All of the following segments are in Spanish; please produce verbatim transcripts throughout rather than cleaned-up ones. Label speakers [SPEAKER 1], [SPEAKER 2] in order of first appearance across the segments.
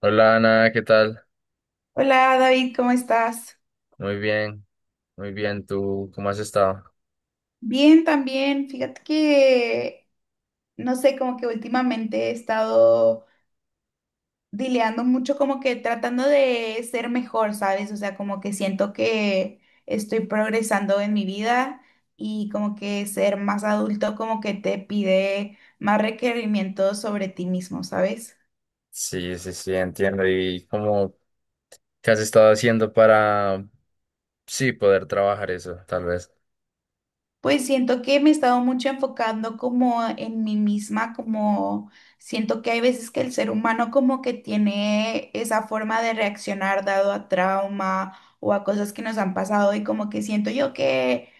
[SPEAKER 1] Hola Ana, ¿qué tal?
[SPEAKER 2] Hola David, ¿cómo estás?
[SPEAKER 1] Muy bien, muy bien. ¿Tú cómo has estado?
[SPEAKER 2] Bien también. Fíjate que, no sé, como que últimamente he estado dileando mucho, como que tratando de ser mejor, ¿sabes? O sea, como que siento que estoy progresando en mi vida y como que ser más adulto como que te pide más requerimientos sobre ti mismo, ¿sabes?
[SPEAKER 1] Sí, sí, sí. ent- ¿Y cómo, qué has estado haciendo para, sí, poder trabajar eso, tal vez?
[SPEAKER 2] Pues siento que me he estado mucho enfocando como en mí misma, como siento que hay veces que el ser humano como que tiene esa forma de reaccionar dado a trauma o a cosas que nos han pasado y como que siento yo que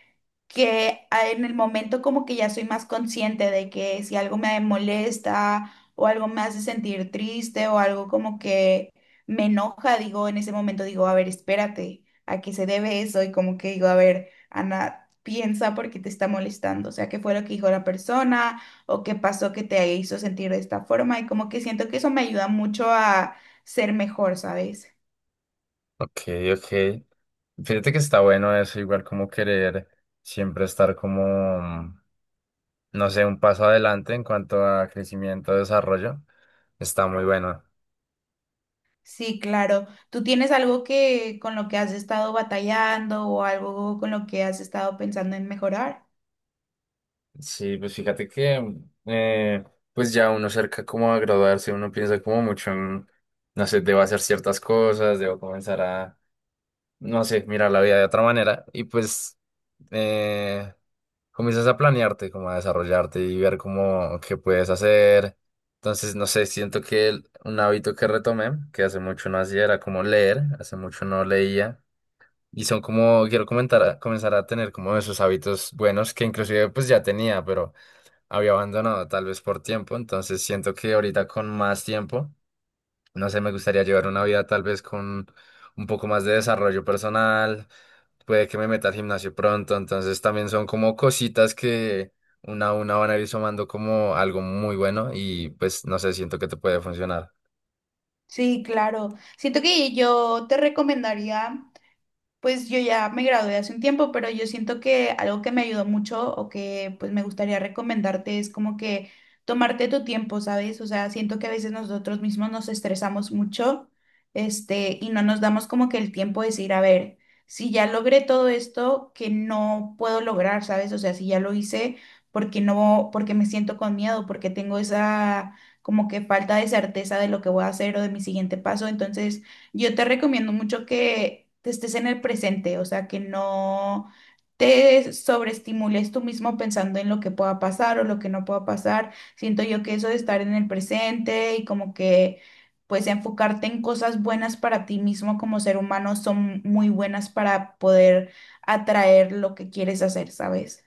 [SPEAKER 2] que a- en el momento como que ya soy más consciente de que si algo me molesta o algo me hace sentir triste o algo como que me enoja, digo, en ese momento digo, a ver, espérate, ¿a qué se debe eso? Y como que digo, a ver, Ana, piensa por qué te está molestando, o sea, qué fue lo que dijo la persona o qué pasó que te hizo sentir de esta forma y como que siento que eso me ayuda mucho a ser mejor, ¿sabes?
[SPEAKER 1] Ok, ok. Fíjate que está bueno eso, igual como querer siempre estar como, no sé, un paso adelante en cuanto a crecimiento, desarrollo. Está muy bueno.
[SPEAKER 2] Sí, claro. ¿Tú tienes algo que con lo que has estado batallando o algo con lo que has estado pensando en mejorar?
[SPEAKER 1] Sí, pues fíjate que, eh, pues ya uno cerca como a graduarse, uno piensa como mucho en, no sé, debo hacer ciertas cosas, debo comenzar a, no sé, mirar la vida de otra manera y pues eh, comienzas a planearte, como a desarrollarte y ver como qué puedes hacer. Entonces, no sé, siento que el- un hábito que retomé, que hace mucho no hacía, era como leer, hace mucho no leía. Y son como, quiero comentar, comenzar a tener como esos hábitos buenos que inclusive pues ya tenía, pero había abandonado tal vez por tiempo, entonces siento que ahorita con más tiempo, no sé, me gustaría llevar una vida tal vez con un poco más de desarrollo personal, puede que me meta al gimnasio pronto, entonces también son como cositas que una a una van a ir sumando como algo muy bueno y pues no sé, siento que te puede funcionar.
[SPEAKER 2] Sí, claro. Siento que yo te recomendaría. Pues yo ya me gradué hace un tiempo, pero yo siento que algo que me ayudó mucho o que pues me gustaría recomendarte es como que tomarte tu tiempo, ¿sabes? O sea, siento que a veces nosotros mismos nos estresamos mucho, este, y no nos damos como que el tiempo de decir, a ver, si ya logré todo esto que no puedo lograr, ¿sabes? O sea, si ya lo hice, porque no, porque me siento con miedo, porque tengo esa como que falta de certeza de lo que voy a hacer o de mi siguiente paso, entonces yo te recomiendo mucho que te estés en el presente, o sea, que no te sobreestimules tú mismo pensando en lo que pueda pasar o lo que no pueda pasar. Siento yo que eso de estar en el presente y como que pues enfocarte en cosas buenas para ti mismo como ser humano son muy buenas para poder atraer lo que quieres hacer, ¿sabes?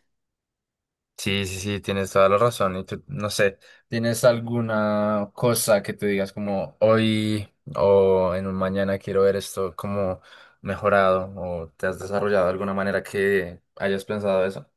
[SPEAKER 1] Sí, sí, sí, tienes toda la razón. Y tú, no sé, ¿tienes alguna cosa que tú digas como hoy o en un mañana quiero ver esto como mejorado o te has desarrollado de alguna manera que hayas pensado eso?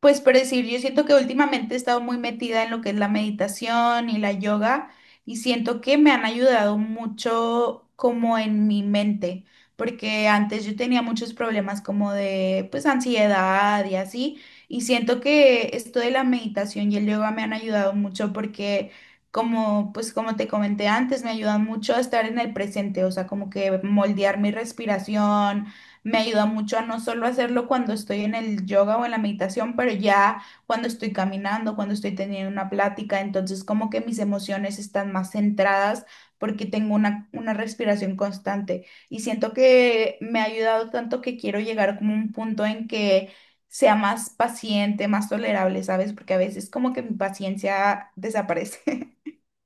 [SPEAKER 2] Pues por decir, yo siento que últimamente he estado muy metida en lo que es la meditación y la yoga y siento que me han ayudado mucho como en mi mente, porque antes yo tenía muchos problemas como de pues ansiedad y así, y siento que esto de la meditación y el yoga me han ayudado mucho porque como pues como te comenté antes, me ayudan mucho a estar en el presente, o sea, como que moldear mi respiración me ayuda mucho a no solo hacerlo cuando estoy en el yoga o en la meditación, pero ya cuando estoy caminando, cuando estoy teniendo una plática, entonces como que mis emociones están más centradas porque tengo una, una respiración constante y siento que me ha ayudado tanto que quiero llegar como a un punto en que sea más paciente, más tolerable, ¿sabes? Porque a veces como que mi paciencia desaparece.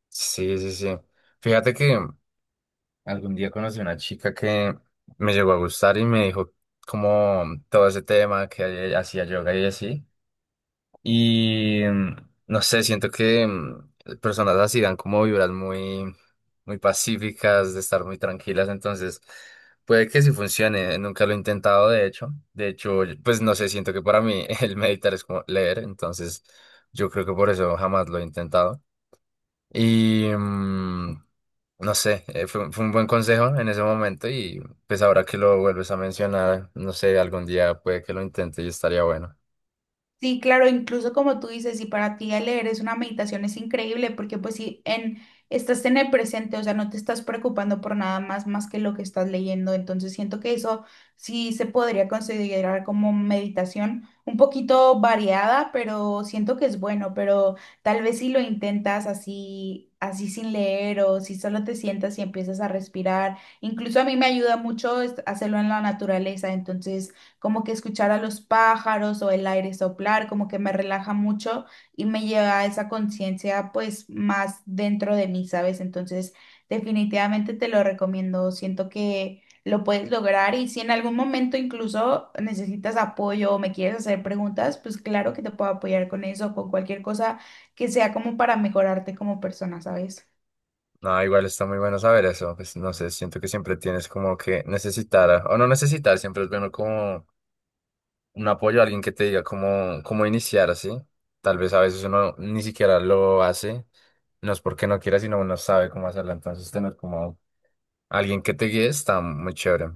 [SPEAKER 1] Sí, sí, sí. Fíjate que algún día conocí una chica que me llegó a gustar y me dijo como todo ese tema que hacía yoga y así. Y mm, no sé, siento que mm, personas así dan como vibras muy, muy pacíficas, de estar muy tranquilas, entonces puede que sí funcione, nunca lo he intentado de hecho, de hecho, yo- pues no sé, siento que para mí el meditar es como leer, entonces yo creo que por eso jamás lo he intentado. Y mm, no sé, eh, fue, fue un buen consejo en ese momento y pues ahora que lo vuelves a mencionar, no sé, algún día puede que lo intente y estaría bueno.
[SPEAKER 2] Sí, claro, incluso como tú dices, si para ti el leer es una meditación es increíble, porque pues si en, estás en el presente, o sea, no te estás preocupando por nada más más que lo que estás leyendo, entonces siento que eso sí se podría considerar como meditación un poquito variada, pero siento que es bueno, pero tal vez si lo intentas así, así sin leer o si solo te sientas y empiezas a respirar, incluso a mí me ayuda mucho es- hacerlo en la naturaleza, entonces como que escuchar a los pájaros o el aire soplar, como que me relaja mucho y me lleva a esa conciencia pues más dentro de mí, ¿sabes? Entonces, definitivamente te lo recomiendo, siento que lo puedes lograr y si en algún momento incluso necesitas apoyo o me quieres hacer preguntas, pues claro que te puedo apoyar con eso, con cualquier cosa que sea como para mejorarte como persona, ¿sabes?
[SPEAKER 1] No, igual está muy bueno saber eso. Pues no sé, siento que siempre tienes como que necesitar, o no necesitar, siempre es bueno como un apoyo, alguien que te diga cómo, cómo iniciar así. Tal vez a veces uno ni siquiera lo hace, no es porque no quiera, sino uno sabe cómo hacerlo. Entonces tener como alguien que te guíe está muy chévere.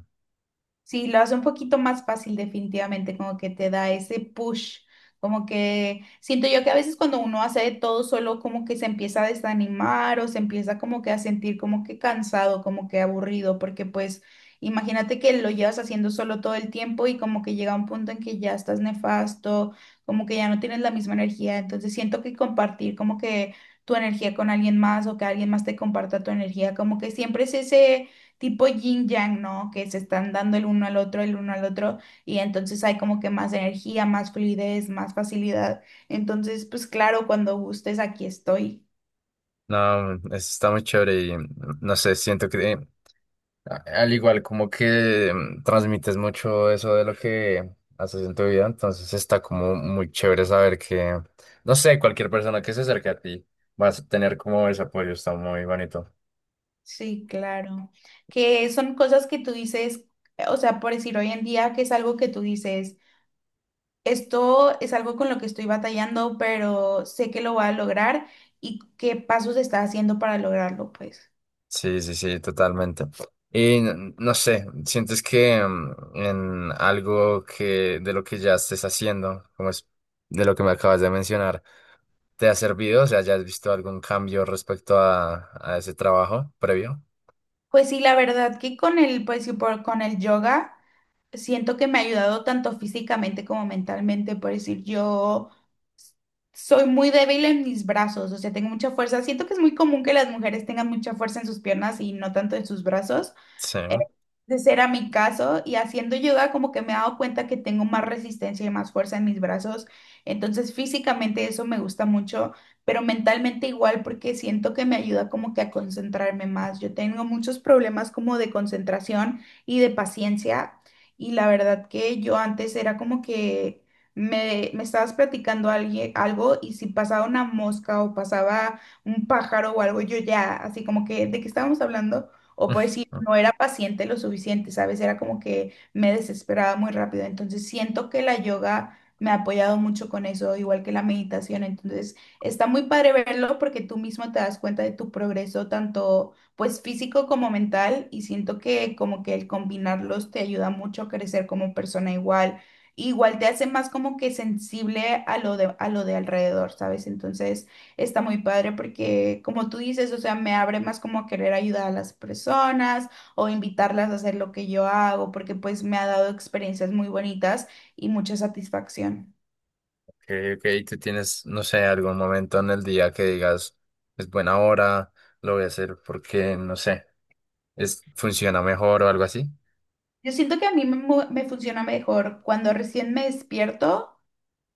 [SPEAKER 2] Sí, lo hace un poquito más fácil definitivamente, como que te da ese push, como que siento yo que a veces cuando uno hace de todo solo como que se empieza a desanimar o se empieza como que a sentir como que cansado, como que aburrido, porque pues imagínate que lo llevas haciendo solo todo el tiempo y como que llega un punto en que ya estás nefasto, como que ya no tienes la misma energía, entonces siento que compartir como que tu energía con alguien más o que alguien más te comparta tu energía, como que siempre es ese tipo yin yang, ¿no? Que se están dando el uno al otro, el uno al otro, y entonces hay como que más energía, más fluidez, más facilidad. Entonces, pues claro, cuando gustes, aquí estoy.
[SPEAKER 1] No, eso está muy chévere y no sé, siento que eh, A- Al igual, como que mm, transmites mucho eso de lo que haces en tu vida, entonces está como muy chévere saber que, no sé, cualquier persona que se acerque a ti vas a tener como ese apoyo, está muy bonito.
[SPEAKER 2] Sí, claro. Que son cosas que tú dices, o sea, por decir hoy en día, que es algo que tú dices, esto es algo con lo que estoy batallando, pero sé que lo voy a lograr y qué pasos está haciendo para lograrlo, pues.
[SPEAKER 1] Sí, sí, sí, totalmente. Y n- no sé, ¿sientes que mm, en algo que de lo que ya estés haciendo, como es de lo que me acabas de mencionar, te ha servido? O sea, ¿ya has visto algún cambio respecto a, a ese trabajo previo?
[SPEAKER 2] Pues sí, la verdad que con el, pues sí, por, con el yoga. Siento que me ha ayudado tanto físicamente como mentalmente, por decir, yo soy muy débil en mis brazos, o sea, tengo mucha fuerza. Siento que es muy común que las mujeres tengan mucha fuerza en sus piernas y no tanto en sus brazos,
[SPEAKER 1] Sí.
[SPEAKER 2] eh, ese era mi caso y haciendo yoga como que me he dado cuenta que tengo más resistencia y más fuerza en mis brazos. Entonces físicamente eso me gusta mucho, pero mentalmente igual porque siento que me ayuda como que a concentrarme más. Yo tengo muchos problemas como de concentración y de paciencia y la verdad que yo antes era como que me, me estabas platicando alguien, algo y si pasaba una mosca o pasaba un pájaro o algo, yo ya así como que de qué estábamos hablando. O por decir, no era paciente lo suficiente, ¿sabes? Era como que me desesperaba muy rápido. Entonces siento que la yoga me ha apoyado mucho con eso, igual que la meditación. Entonces está muy padre verlo porque tú mismo te das cuenta de tu progreso, tanto pues físico como mental. Y siento que como que el combinarlos te ayuda mucho a crecer como persona igual. Igual te hace más como que sensible a lo de, a lo de alrededor, ¿sabes? Entonces... Está muy padre porque, como tú dices, o sea, me abre más como a querer ayudar a las personas o invitarlas a hacer lo que yo hago, porque pues me ha dado experiencias muy bonitas y mucha satisfacción.
[SPEAKER 1] Ok, ok, tú tienes, no sé, algún momento en el día que digas, es buena hora, lo voy a hacer porque, no sé, es, funciona mejor o algo así.
[SPEAKER 2] Yo siento que a mí me, mu- me funciona mejor cuando recién me despierto,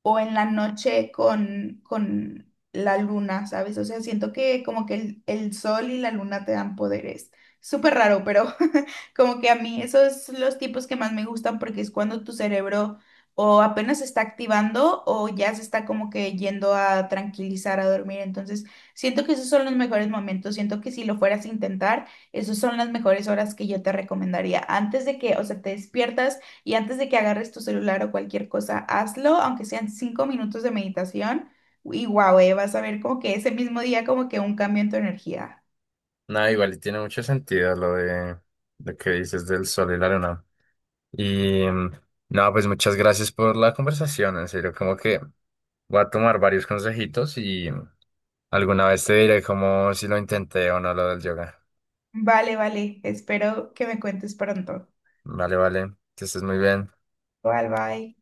[SPEAKER 2] o en la noche con, con la luna, ¿sabes? O sea, siento que como que el, el sol y la luna te dan poderes. Súper raro, pero como que a mí esos son los tipos que más me gustan porque es cuando tu cerebro o apenas se está activando o ya se está como que yendo a tranquilizar, a dormir. Entonces, siento que esos son los mejores momentos. Siento que si lo fueras a intentar, esas son las mejores horas que yo te recomendaría. Antes de que, o sea, te despiertas. Y antes de que agarres tu celular o cualquier cosa, hazlo, aunque sean cinco minutos de meditación. Y guau, eh, vas a ver como que ese mismo día como que un cambio en tu energía.
[SPEAKER 1] Nada, igual y tiene mucho sentido lo de lo que dices del sol y la luna. Y mm, nada, pues muchas gracias por la conversación, en serio, como que voy a tomar varios consejitos y mm, alguna vez te diré como si lo intenté o no lo del yoga.
[SPEAKER 2] Vale, vale. Espero que me cuentes pronto.
[SPEAKER 1] Vale, vale, que estés muy bien.
[SPEAKER 2] Bye, bye.